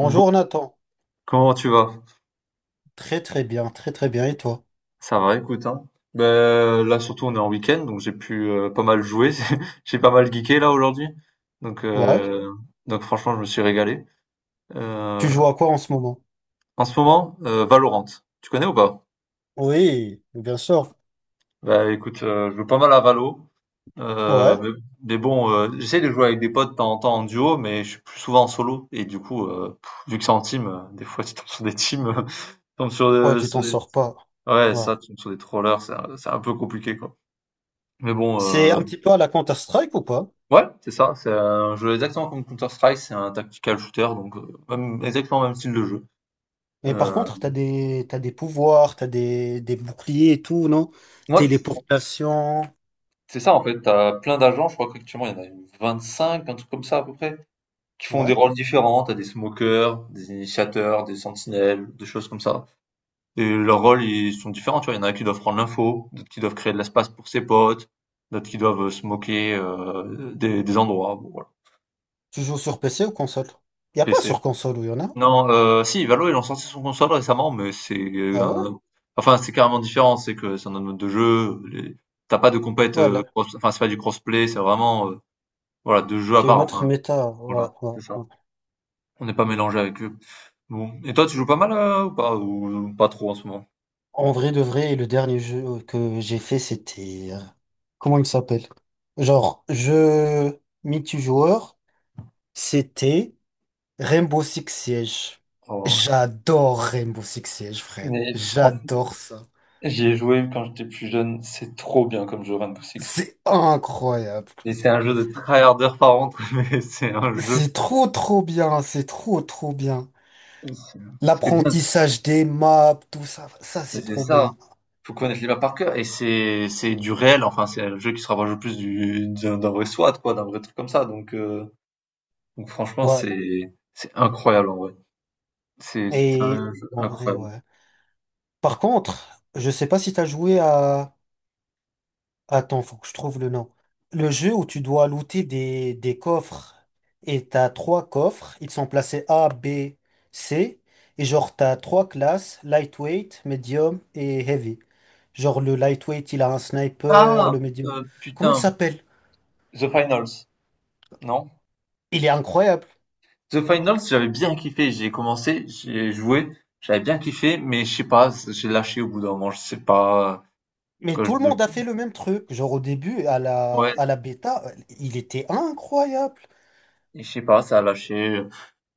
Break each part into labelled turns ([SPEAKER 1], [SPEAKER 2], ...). [SPEAKER 1] Bon,
[SPEAKER 2] Nathan.
[SPEAKER 1] comment tu vas?
[SPEAKER 2] Très très bien, très très bien. Et toi?
[SPEAKER 1] Ça va, écoute, hein. Ben, là, surtout, on est en week-end, donc j'ai pu pas mal jouer. J'ai pas mal geeké, là, aujourd'hui. Donc,
[SPEAKER 2] Ouais.
[SPEAKER 1] euh, donc, franchement, je me suis régalé.
[SPEAKER 2] Tu
[SPEAKER 1] Euh,
[SPEAKER 2] joues à quoi en ce moment?
[SPEAKER 1] En ce moment, Valorant. Tu connais ou pas?
[SPEAKER 2] Oui, bien sûr.
[SPEAKER 1] Ben écoute, je joue pas mal à Valo. Euh,
[SPEAKER 2] Ouais.
[SPEAKER 1] mais, mais bon, j'essaie de jouer avec des potes de temps en temps en duo, mais je suis plus souvent en solo. Et du coup, vu que c'est en team, des fois, tu tombes sur des teams, tu tombes sur,
[SPEAKER 2] Ouais,
[SPEAKER 1] euh,
[SPEAKER 2] tu
[SPEAKER 1] sur
[SPEAKER 2] t'en
[SPEAKER 1] des...
[SPEAKER 2] sors pas.
[SPEAKER 1] Ouais,
[SPEAKER 2] Ouais.
[SPEAKER 1] ça, tu tombes sur des trollers, c'est un peu compliqué, quoi. Mais bon,
[SPEAKER 2] C'est un
[SPEAKER 1] euh,
[SPEAKER 2] petit peu à la Counter-Strike ou pas?
[SPEAKER 1] Ouais, c'est ça, c'est un jeu exactement comme Counter-Strike, c'est un tactical shooter, donc même exactement le même style de jeu.
[SPEAKER 2] Mais par
[SPEAKER 1] Heu,
[SPEAKER 2] contre, t'as des pouvoirs, t'as des boucliers et tout, non?
[SPEAKER 1] ouais, c'est ça.
[SPEAKER 2] Téléportation.
[SPEAKER 1] C'est ça, en fait, t'as plein d'agents, je crois qu'actuellement il y en a 25, un truc comme ça à peu près, qui font des
[SPEAKER 2] Ouais.
[SPEAKER 1] rôles différents. T'as des smokers, des initiateurs, des sentinelles, des choses comme ça. Et leurs rôles, ils sont différents, tu vois, il y en a qui doivent prendre l'info, d'autres qui doivent créer de l'espace pour ses potes, d'autres qui doivent, smoker, des endroits, bon voilà.
[SPEAKER 2] Tu joues sur PC ou console? Y a
[SPEAKER 1] Et
[SPEAKER 2] pas
[SPEAKER 1] c'est
[SPEAKER 2] sur console où y en a?
[SPEAKER 1] Non, si, Valo, ils l'ont sorti son console récemment, mais c'est
[SPEAKER 2] Ah ouais?
[SPEAKER 1] un, enfin, c'est carrément différent. C'est que c'est un autre mode de jeu, les tu pas de compète,
[SPEAKER 2] Ouais, là,
[SPEAKER 1] cross, enfin, c'est pas du crossplay, c'est vraiment, voilà, 2 jeux à
[SPEAKER 2] c'est une
[SPEAKER 1] part,
[SPEAKER 2] autre
[SPEAKER 1] enfin,
[SPEAKER 2] méta. Ouais,
[SPEAKER 1] voilà,
[SPEAKER 2] ouais,
[SPEAKER 1] c'est ça.
[SPEAKER 2] ouais.
[SPEAKER 1] On n'est pas mélangé avec eux. Bon et toi, tu joues pas mal, ou pas? Ou pas trop en ce moment?
[SPEAKER 2] En vrai de vrai, le dernier jeu que j'ai fait, c'était, comment il s'appelle? Genre, je multijoueur, c'était Rainbow Six Siege.
[SPEAKER 1] Oh,
[SPEAKER 2] J'adore Rainbow Six Siege, frère.
[SPEAKER 1] mais franchement,
[SPEAKER 2] J'adore ça.
[SPEAKER 1] j'y ai joué quand j'étais plus jeune, c'est trop bien comme jeu Rainbow Six.
[SPEAKER 2] C'est incroyable.
[SPEAKER 1] Et c'est un jeu de tryharder par contre, mais c'est un jeu
[SPEAKER 2] C'est trop, trop bien. C'est trop, trop bien.
[SPEAKER 1] c'est ce qui est bien,
[SPEAKER 2] L'apprentissage des maps, tout ça, ça,
[SPEAKER 1] mais
[SPEAKER 2] c'est
[SPEAKER 1] c'est
[SPEAKER 2] trop
[SPEAKER 1] ça.
[SPEAKER 2] bien.
[SPEAKER 1] Faut connaître les maps par cœur et c'est du réel, enfin c'est un jeu qui se rapproche le plus du d'un d'un vrai SWAT, quoi, d'un vrai truc comme ça, donc franchement
[SPEAKER 2] Ouais.
[SPEAKER 1] c'est incroyable, en vrai c'est
[SPEAKER 2] Et
[SPEAKER 1] un jeu
[SPEAKER 2] en vrai,
[SPEAKER 1] incroyable.
[SPEAKER 2] ouais. Par contre, je sais pas si t'as joué à Attends, faut que je trouve le nom. Le jeu où tu dois looter des coffres. Et t'as trois coffres. Ils sont placés A, B, C. Et genre, t'as trois classes, lightweight, medium et heavy. Genre, le lightweight, il a un sniper,
[SPEAKER 1] ah
[SPEAKER 2] le medium. Comment il
[SPEAKER 1] Putain,
[SPEAKER 2] s'appelle?
[SPEAKER 1] The Finals, non.
[SPEAKER 2] Il est incroyable.
[SPEAKER 1] The Finals, j'avais bien kiffé, j'ai commencé, j'ai joué, j'avais bien kiffé, mais je sais pas, j'ai lâché au bout d'un moment, je sais pas.
[SPEAKER 2] Mais
[SPEAKER 1] Quand je
[SPEAKER 2] tout le monde a fait le même truc. Genre, au début, à la,
[SPEAKER 1] Ouais,
[SPEAKER 2] à la bêta, il était incroyable.
[SPEAKER 1] je sais pas, ça a lâché.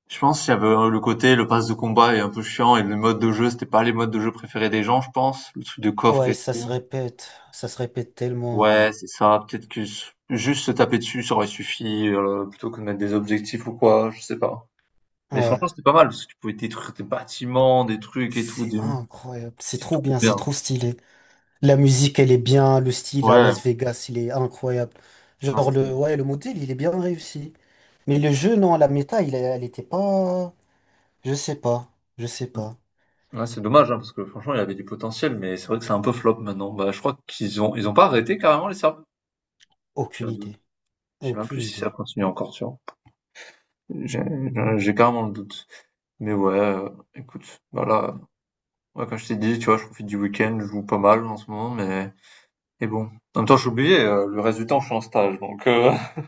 [SPEAKER 1] Je pense qu'il y avait le côté, le pass de combat est un peu chiant et le mode de jeu, c'était pas les modes de jeu préférés des gens, je pense. Le truc de coffre
[SPEAKER 2] Ouais,
[SPEAKER 1] et
[SPEAKER 2] ça se
[SPEAKER 1] tout.
[SPEAKER 2] répète. Ça se répète tellement,
[SPEAKER 1] Ouais, c'est ça. Peut-être que juste se taper dessus, ça aurait suffi, plutôt que de mettre des objectifs ou quoi, je sais pas.
[SPEAKER 2] ouais.
[SPEAKER 1] Mais
[SPEAKER 2] Ouais.
[SPEAKER 1] franchement, c'était pas mal, parce que tu pouvais détruire des bâtiments, des trucs et tout.
[SPEAKER 2] C'est incroyable. C'est
[SPEAKER 1] C'était
[SPEAKER 2] trop
[SPEAKER 1] trop
[SPEAKER 2] bien,
[SPEAKER 1] bien.
[SPEAKER 2] c'est trop stylé. La musique, elle est bien, le style à
[SPEAKER 1] Ouais,
[SPEAKER 2] Las Vegas, il est incroyable.
[SPEAKER 1] non,
[SPEAKER 2] Genre le,
[SPEAKER 1] c'était.
[SPEAKER 2] ouais, le modèle, il est bien réussi. Mais le jeu, non, la méta, elle était pas. Je sais pas. Je sais pas.
[SPEAKER 1] Ouais, c'est dommage, hein, parce que franchement, il avait du potentiel, mais c'est vrai que c'est un peu flop maintenant. Bah, je crois qu'ils ont pas arrêté carrément les serveurs. J'ai
[SPEAKER 2] Aucune
[SPEAKER 1] un doute.
[SPEAKER 2] idée.
[SPEAKER 1] Je sais même plus
[SPEAKER 2] Aucune
[SPEAKER 1] si ça
[SPEAKER 2] idée.
[SPEAKER 1] continue encore, tu vois. J'ai carrément le doute. Mais ouais, écoute, voilà, ouais, comme je t'ai dit, tu vois, je profite du week-end, je joue pas mal en ce moment, mais et bon. En même temps, j'ai oublié, le reste du temps, je suis en stage, donc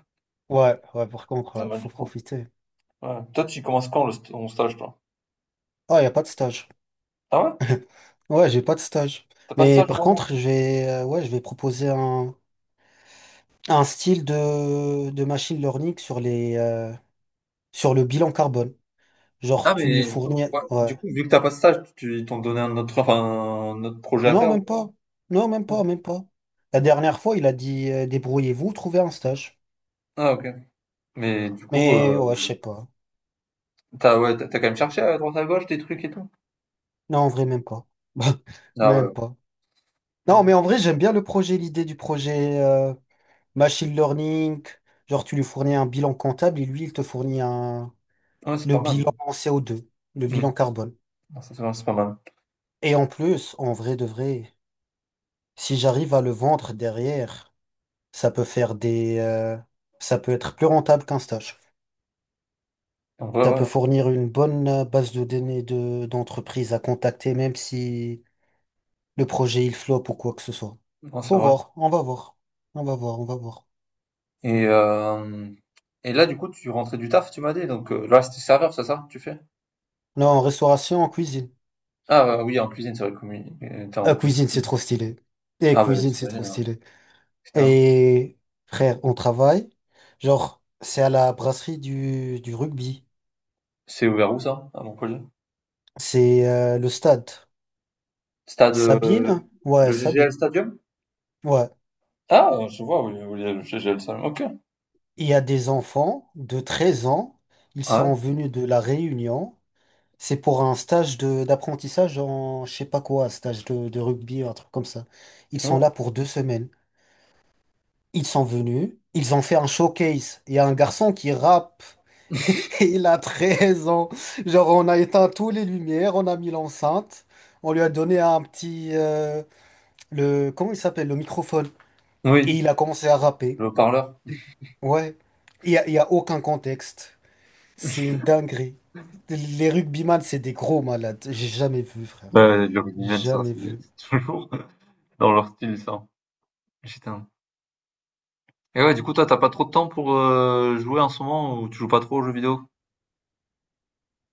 [SPEAKER 2] Ouais, ouais, par contre,
[SPEAKER 1] pas
[SPEAKER 2] ouais,
[SPEAKER 1] mal du
[SPEAKER 2] faut
[SPEAKER 1] temps.
[SPEAKER 2] profiter.
[SPEAKER 1] Ouais. Toi, tu commences quand le st ton stage, toi?
[SPEAKER 2] Ah, y a pas de stage.
[SPEAKER 1] Ah ouais?
[SPEAKER 2] Ouais, j'ai pas de stage.
[SPEAKER 1] T'as pas de
[SPEAKER 2] Mais
[SPEAKER 1] stage
[SPEAKER 2] par
[SPEAKER 1] pour
[SPEAKER 2] contre,
[SPEAKER 1] moi.
[SPEAKER 2] j'ai ouais, je vais proposer un style de machine learning sur le bilan carbone. Genre,
[SPEAKER 1] Ah
[SPEAKER 2] tu lui
[SPEAKER 1] mais
[SPEAKER 2] fournis,
[SPEAKER 1] ouais,
[SPEAKER 2] ouais.
[SPEAKER 1] du coup, vu que t'as pas de stage, tu ils t'ont donné un autre, enfin, un autre projet à
[SPEAKER 2] Non,
[SPEAKER 1] faire ou
[SPEAKER 2] même
[SPEAKER 1] quoi?
[SPEAKER 2] pas. Non, même pas, même pas. La dernière fois, il a dit, débrouillez-vous, trouvez un stage.
[SPEAKER 1] Ah OK. Mais du coup,
[SPEAKER 2] Mais ouais, je sais pas.
[SPEAKER 1] tu ouais, t'as as quand même cherché à droite à gauche des trucs et tout?
[SPEAKER 2] Non, en vrai, même pas.
[SPEAKER 1] Ah ouais,
[SPEAKER 2] Même pas. Non,
[SPEAKER 1] ok,
[SPEAKER 2] mais en vrai, j'aime bien le projet, l'idée du projet, machine learning. Genre, tu lui fournis un bilan comptable et lui, il te fournit un
[SPEAKER 1] ouais, c'est
[SPEAKER 2] le
[SPEAKER 1] pas mal, hein.
[SPEAKER 2] bilan en CO2, le
[SPEAKER 1] Mmh.
[SPEAKER 2] bilan carbone.
[SPEAKER 1] Ah ça, c'est pas mal.
[SPEAKER 2] Et en plus, en vrai de vrai, si j'arrive à le vendre derrière, ça peut faire des euh, ça peut être plus rentable qu'un stage.
[SPEAKER 1] En vrai,
[SPEAKER 2] Ça
[SPEAKER 1] ouais,
[SPEAKER 2] peut
[SPEAKER 1] hein.
[SPEAKER 2] fournir une bonne base de données d'entreprise à contacter, même si le projet il floppe ou quoi que ce soit.
[SPEAKER 1] Non, c'est
[SPEAKER 2] Faut
[SPEAKER 1] vrai.
[SPEAKER 2] voir, on va voir. On va voir, on va voir.
[SPEAKER 1] Et, hem et là, du coup, tu rentrais du taf, tu m'as dit, donc là, c'était serveur, c'est ça, tu fais?
[SPEAKER 2] Non, en restauration, en cuisine.
[SPEAKER 1] Oui, en cuisine, c'est vrai, communi tu en
[SPEAKER 2] Ah,
[SPEAKER 1] cuisine.
[SPEAKER 2] cuisine, c'est trop stylé. Et
[SPEAKER 1] Ah bah,
[SPEAKER 2] cuisine, c'est trop
[SPEAKER 1] j'imagine, ouais.
[SPEAKER 2] stylé.
[SPEAKER 1] Putain,
[SPEAKER 2] Et frère, on travaille. Genre, c'est à la brasserie du rugby.
[SPEAKER 1] c'est ouvert où ça, à Montpellier?
[SPEAKER 2] C'est le stade.
[SPEAKER 1] Stade,
[SPEAKER 2] Sabine? Ouais,
[SPEAKER 1] le GGL
[SPEAKER 2] Sabine.
[SPEAKER 1] Stadium?
[SPEAKER 2] Ouais.
[SPEAKER 1] Je vois où il y a le GGL Stadium, OK.
[SPEAKER 2] Il y a des enfants de 13 ans. Ils
[SPEAKER 1] Ah ouais?
[SPEAKER 2] sont venus de la Réunion. C'est pour un stage de d'apprentissage en je sais pas quoi, stage de rugby, un truc comme ça. Ils sont
[SPEAKER 1] Oh.
[SPEAKER 2] là pour 2 semaines. Ils sont venus, ils ont fait un showcase. Il y a un garçon qui rappe, il a 13 ans. Genre, on a éteint toutes les lumières, on a mis l'enceinte, on lui a donné un petit, le comment il s'appelle, le microphone, et
[SPEAKER 1] Oui,
[SPEAKER 2] il a commencé à rapper.
[SPEAKER 1] le haut-parleur.
[SPEAKER 2] Et tout. Ouais. Il y a aucun contexte. C'est une dinguerie. Les rugbyman, c'est des gros malades. J'ai jamais vu, frère.
[SPEAKER 1] Bah, les rugbymen, ça,
[SPEAKER 2] Jamais
[SPEAKER 1] c'est
[SPEAKER 2] vu.
[SPEAKER 1] c'est toujours dans leur style, ça. Putain. Et ouais, du coup, toi, t'as pas trop de temps pour, jouer en ce moment ou tu joues pas trop aux jeux vidéo?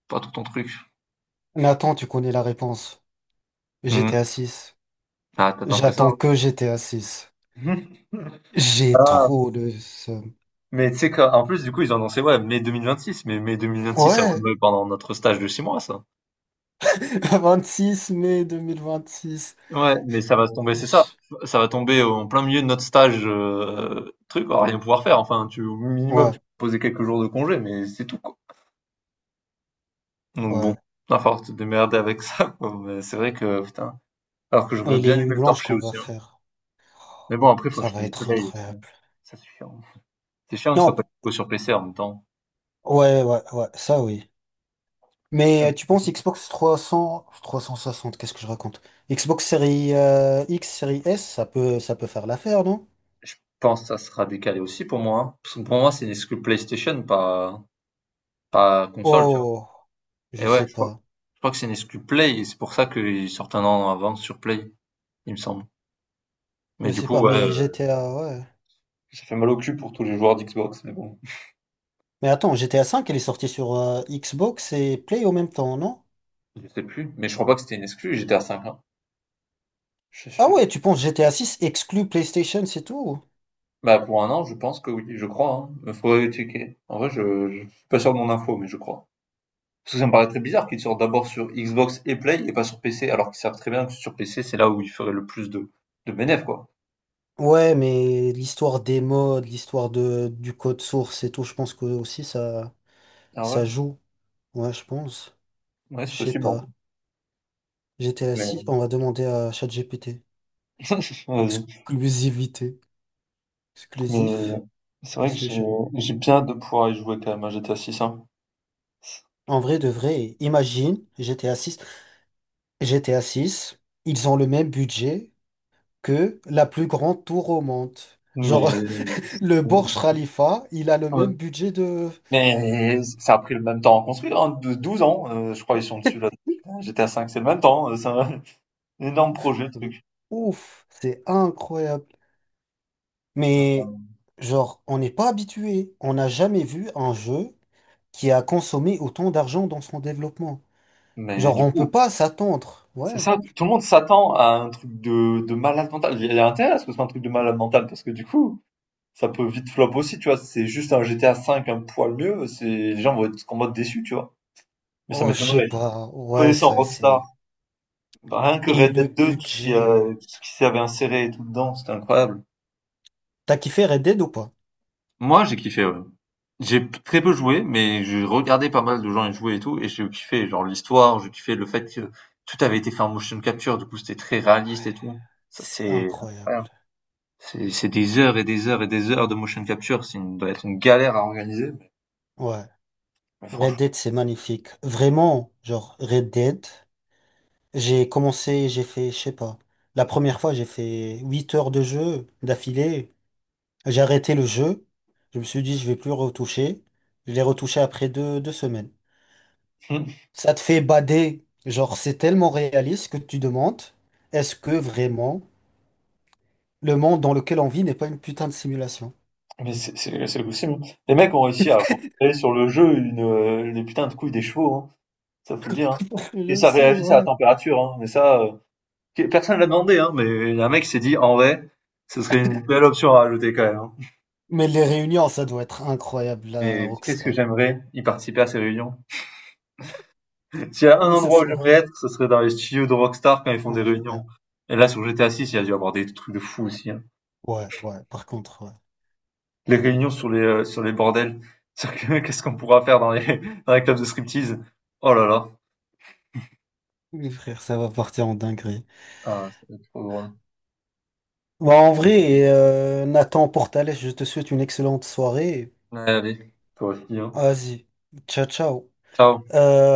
[SPEAKER 1] Pas trop ton truc?
[SPEAKER 2] Mais attends, tu connais la réponse. GTA
[SPEAKER 1] Mmh.
[SPEAKER 2] 6.
[SPEAKER 1] Ah, t'attends que ça.
[SPEAKER 2] J'attends que GTA 6. J'ai
[SPEAKER 1] Ah,
[SPEAKER 2] trop le seum.
[SPEAKER 1] mais tu sais qu'en plus, du coup, ils ont annoncé, ouais, mai 2026, mais mai 2026, ça va
[SPEAKER 2] Ouais,
[SPEAKER 1] tomber pendant notre stage de 6 mois, ça.
[SPEAKER 2] 26 mai 2026.
[SPEAKER 1] Ouais, mais ça va se tomber, c'est ça,
[SPEAKER 2] Wesh.
[SPEAKER 1] ça va tomber en plein milieu de notre stage, truc, on va rien pouvoir faire, enfin, au minimum, tu
[SPEAKER 2] Ouais,
[SPEAKER 1] peux poser quelques jours de congé, mais c'est tout, quoi. Donc bon,
[SPEAKER 2] ouais.
[SPEAKER 1] il va falloir te démerder avec ça, quoi, mais c'est vrai que, putain, alors que j'aurais
[SPEAKER 2] Et
[SPEAKER 1] bien
[SPEAKER 2] les nuits
[SPEAKER 1] aimé le
[SPEAKER 2] blanches
[SPEAKER 1] torcher
[SPEAKER 2] qu'on va
[SPEAKER 1] aussi, hein.
[SPEAKER 2] faire,
[SPEAKER 1] Mais bon, après, faut
[SPEAKER 2] ça
[SPEAKER 1] acheter
[SPEAKER 2] va
[SPEAKER 1] une
[SPEAKER 2] être
[SPEAKER 1] Play aussi,
[SPEAKER 2] incroyable.
[SPEAKER 1] ça c'est chiant. C'est chiant que ce
[SPEAKER 2] Non,
[SPEAKER 1] soit pas dispo sur PC en même temps,
[SPEAKER 2] ouais, ouais, ouais, ça oui.
[SPEAKER 1] c'est chiant.
[SPEAKER 2] Mais tu penses Xbox 300, 360, qu'est-ce que je raconte? Xbox série, X, série S, ça peut faire l'affaire, non?
[SPEAKER 1] Je pense que ça sera décalé aussi pour moi, hein. Parce que pour moi, c'est une exclu PlayStation, pas console, tu vois.
[SPEAKER 2] Oh, je
[SPEAKER 1] Et ouais,
[SPEAKER 2] sais
[SPEAKER 1] je crois,
[SPEAKER 2] pas.
[SPEAKER 1] je crois que c'est une exclu Play, et c'est pour ça qu'ils sortent un an avant sur Play, il me semble. Mais
[SPEAKER 2] Je
[SPEAKER 1] du
[SPEAKER 2] sais
[SPEAKER 1] coup,
[SPEAKER 2] pas,
[SPEAKER 1] ouais,
[SPEAKER 2] mais GTA, ouais.
[SPEAKER 1] ça fait mal au cul pour tous les joueurs d'Xbox, mais bon.
[SPEAKER 2] Mais attends, GTA 5, elle est sortie sur, Xbox et Play au même temps, non?
[SPEAKER 1] Je sais plus. Mais je crois pas que c'était une exclu, j'étais à 5 ans. Je-
[SPEAKER 2] Ah
[SPEAKER 1] je-
[SPEAKER 2] ouais, tu penses GTA 6 exclut PlayStation, c'est tout?
[SPEAKER 1] Bah, pour un an, je pense que oui, je crois, hein. Il faudrait checker. En vrai, je suis pas sûr de mon info, mais je crois. Parce que ça me paraît très bizarre qu'ils sortent d'abord sur Xbox et Play et pas sur PC, alors qu'ils savent très bien que sur PC, c'est là où ils feraient le plus de bénéfices, quoi.
[SPEAKER 2] Ouais, mais l'histoire des modes, l'histoire de du code source et tout, je pense que aussi ça
[SPEAKER 1] Ah ouais?
[SPEAKER 2] ça joue. Ouais, je pense.
[SPEAKER 1] Ouais,
[SPEAKER 2] Je
[SPEAKER 1] c'est
[SPEAKER 2] sais
[SPEAKER 1] possible, hein.
[SPEAKER 2] pas. GTA
[SPEAKER 1] Mais,
[SPEAKER 2] 6, on va demander à ChatGPT.
[SPEAKER 1] vas-y.
[SPEAKER 2] Exclusivité. Exclusif
[SPEAKER 1] Mais, c'est vrai que j'ai,
[SPEAKER 2] PlayStation.
[SPEAKER 1] j'ai bien hâte de pouvoir y jouer quand même à GTA 6, hein.
[SPEAKER 2] En vrai de vrai, imagine GTA 6. GTA 6, ils ont le même budget que la plus grande tour au monde.
[SPEAKER 1] Mais,
[SPEAKER 2] Genre, le Burj Khalifa, il a le
[SPEAKER 1] ouais.
[SPEAKER 2] même budget de.
[SPEAKER 1] Mais, ça a pris le même temps à construire, hein, de 12 ans, je crois qu'ils sont dessus là. Putain, GTA 5 c'est le même temps, c'est un énorme projet, le
[SPEAKER 2] Mais,
[SPEAKER 1] truc.
[SPEAKER 2] ouf, c'est incroyable. Mais, genre, on n'est pas habitué. On n'a jamais vu un jeu qui a consommé autant d'argent dans son développement.
[SPEAKER 1] Mais
[SPEAKER 2] Genre,
[SPEAKER 1] du
[SPEAKER 2] on peut
[SPEAKER 1] coup,
[SPEAKER 2] pas s'attendre.
[SPEAKER 1] c'est
[SPEAKER 2] Ouais.
[SPEAKER 1] ça, tout le monde s'attend à un truc de malade mental. Il y a intérêt à ce que ce soit un truc de malade mental, parce que du coup, ça peut vite flop aussi, tu vois? C'est juste un GTA 5 un poil mieux, c'est les gens vont être en mode déçus, tu vois? Mais ça
[SPEAKER 2] Oh, je sais
[SPEAKER 1] m'étonnerait.
[SPEAKER 2] pas. Ouais,
[SPEAKER 1] Connaissant
[SPEAKER 2] ça,
[SPEAKER 1] Rockstar,
[SPEAKER 2] c'est.
[SPEAKER 1] bah, rien que
[SPEAKER 2] Et
[SPEAKER 1] Red Dead
[SPEAKER 2] le
[SPEAKER 1] 2,
[SPEAKER 2] budget.
[SPEAKER 1] tout ce qui s'avait inséré et tout dedans, c'était incroyable.
[SPEAKER 2] T'as kiffé Red Dead ou pas?
[SPEAKER 1] Moi, j'ai kiffé, ouais. J'ai très peu joué, mais j'ai regardé pas mal de gens y jouer et tout, et j'ai kiffé, genre l'histoire, j'ai kiffé le fait que tout avait été fait en motion capture, du coup c'était très réaliste et tout. Ça
[SPEAKER 2] C'est
[SPEAKER 1] c'était incroyable.
[SPEAKER 2] incroyable.
[SPEAKER 1] C'est des heures et des heures et des heures de motion capture, doit être une galère à organiser,
[SPEAKER 2] Ouais.
[SPEAKER 1] mais
[SPEAKER 2] Red
[SPEAKER 1] franchement.
[SPEAKER 2] Dead, c'est magnifique. Vraiment, genre, Red Dead. J'ai commencé, j'ai fait, je sais pas. La première fois, j'ai fait 8 heures de jeu d'affilée. J'ai arrêté le jeu. Je me suis dit, je vais plus retoucher. Je l'ai retouché après deux semaines. Ça te fait bader. Genre, c'est tellement réaliste que tu demandes, est-ce que vraiment le monde dans lequel on vit n'est pas une putain de simulation?
[SPEAKER 1] Mais c'est possible, hein. Les mecs ont réussi à recréer sur le jeu les putains de couilles des chevaux, hein. Ça faut le dire, hein. Et
[SPEAKER 2] Je
[SPEAKER 1] ça
[SPEAKER 2] sais,
[SPEAKER 1] réagissait à la
[SPEAKER 2] ouais.
[SPEAKER 1] température, hein. Mais personne l'a demandé, hein. Mais un mec s'est dit, en vrai, ce serait une belle option à rajouter quand même, hein.
[SPEAKER 2] Mais les réunions, ça doit être incroyable, la
[SPEAKER 1] Mais qu'est-ce que
[SPEAKER 2] Rockstar.
[SPEAKER 1] j'aimerais y participer à ces réunions. S'il y a un
[SPEAKER 2] Oui, ce
[SPEAKER 1] endroit où
[SPEAKER 2] soir.
[SPEAKER 1] j'aimerais être, ce serait dans les studios de Rockstar quand ils font des
[SPEAKER 2] Ouais,
[SPEAKER 1] réunions.
[SPEAKER 2] frère.
[SPEAKER 1] Et là, sur GTA 6, il y a dû avoir des trucs de fou aussi, hein.
[SPEAKER 2] Ouais, ouais, par contre, ouais.
[SPEAKER 1] Les réunions sur les sur les bordels. Qu'est-ce qu'on pourra faire dans les dans les clubs de striptease. Oh là là.
[SPEAKER 2] Oui, frère, ça va partir en dinguerie.
[SPEAKER 1] Ah, ça va être trop drôle.
[SPEAKER 2] Bah, en vrai, Nathan Portales, je te souhaite une excellente soirée.
[SPEAKER 1] Ouais, allez. Toi aussi, hein.
[SPEAKER 2] Vas-y, ciao, ciao.
[SPEAKER 1] Ciao.
[SPEAKER 2] Euh,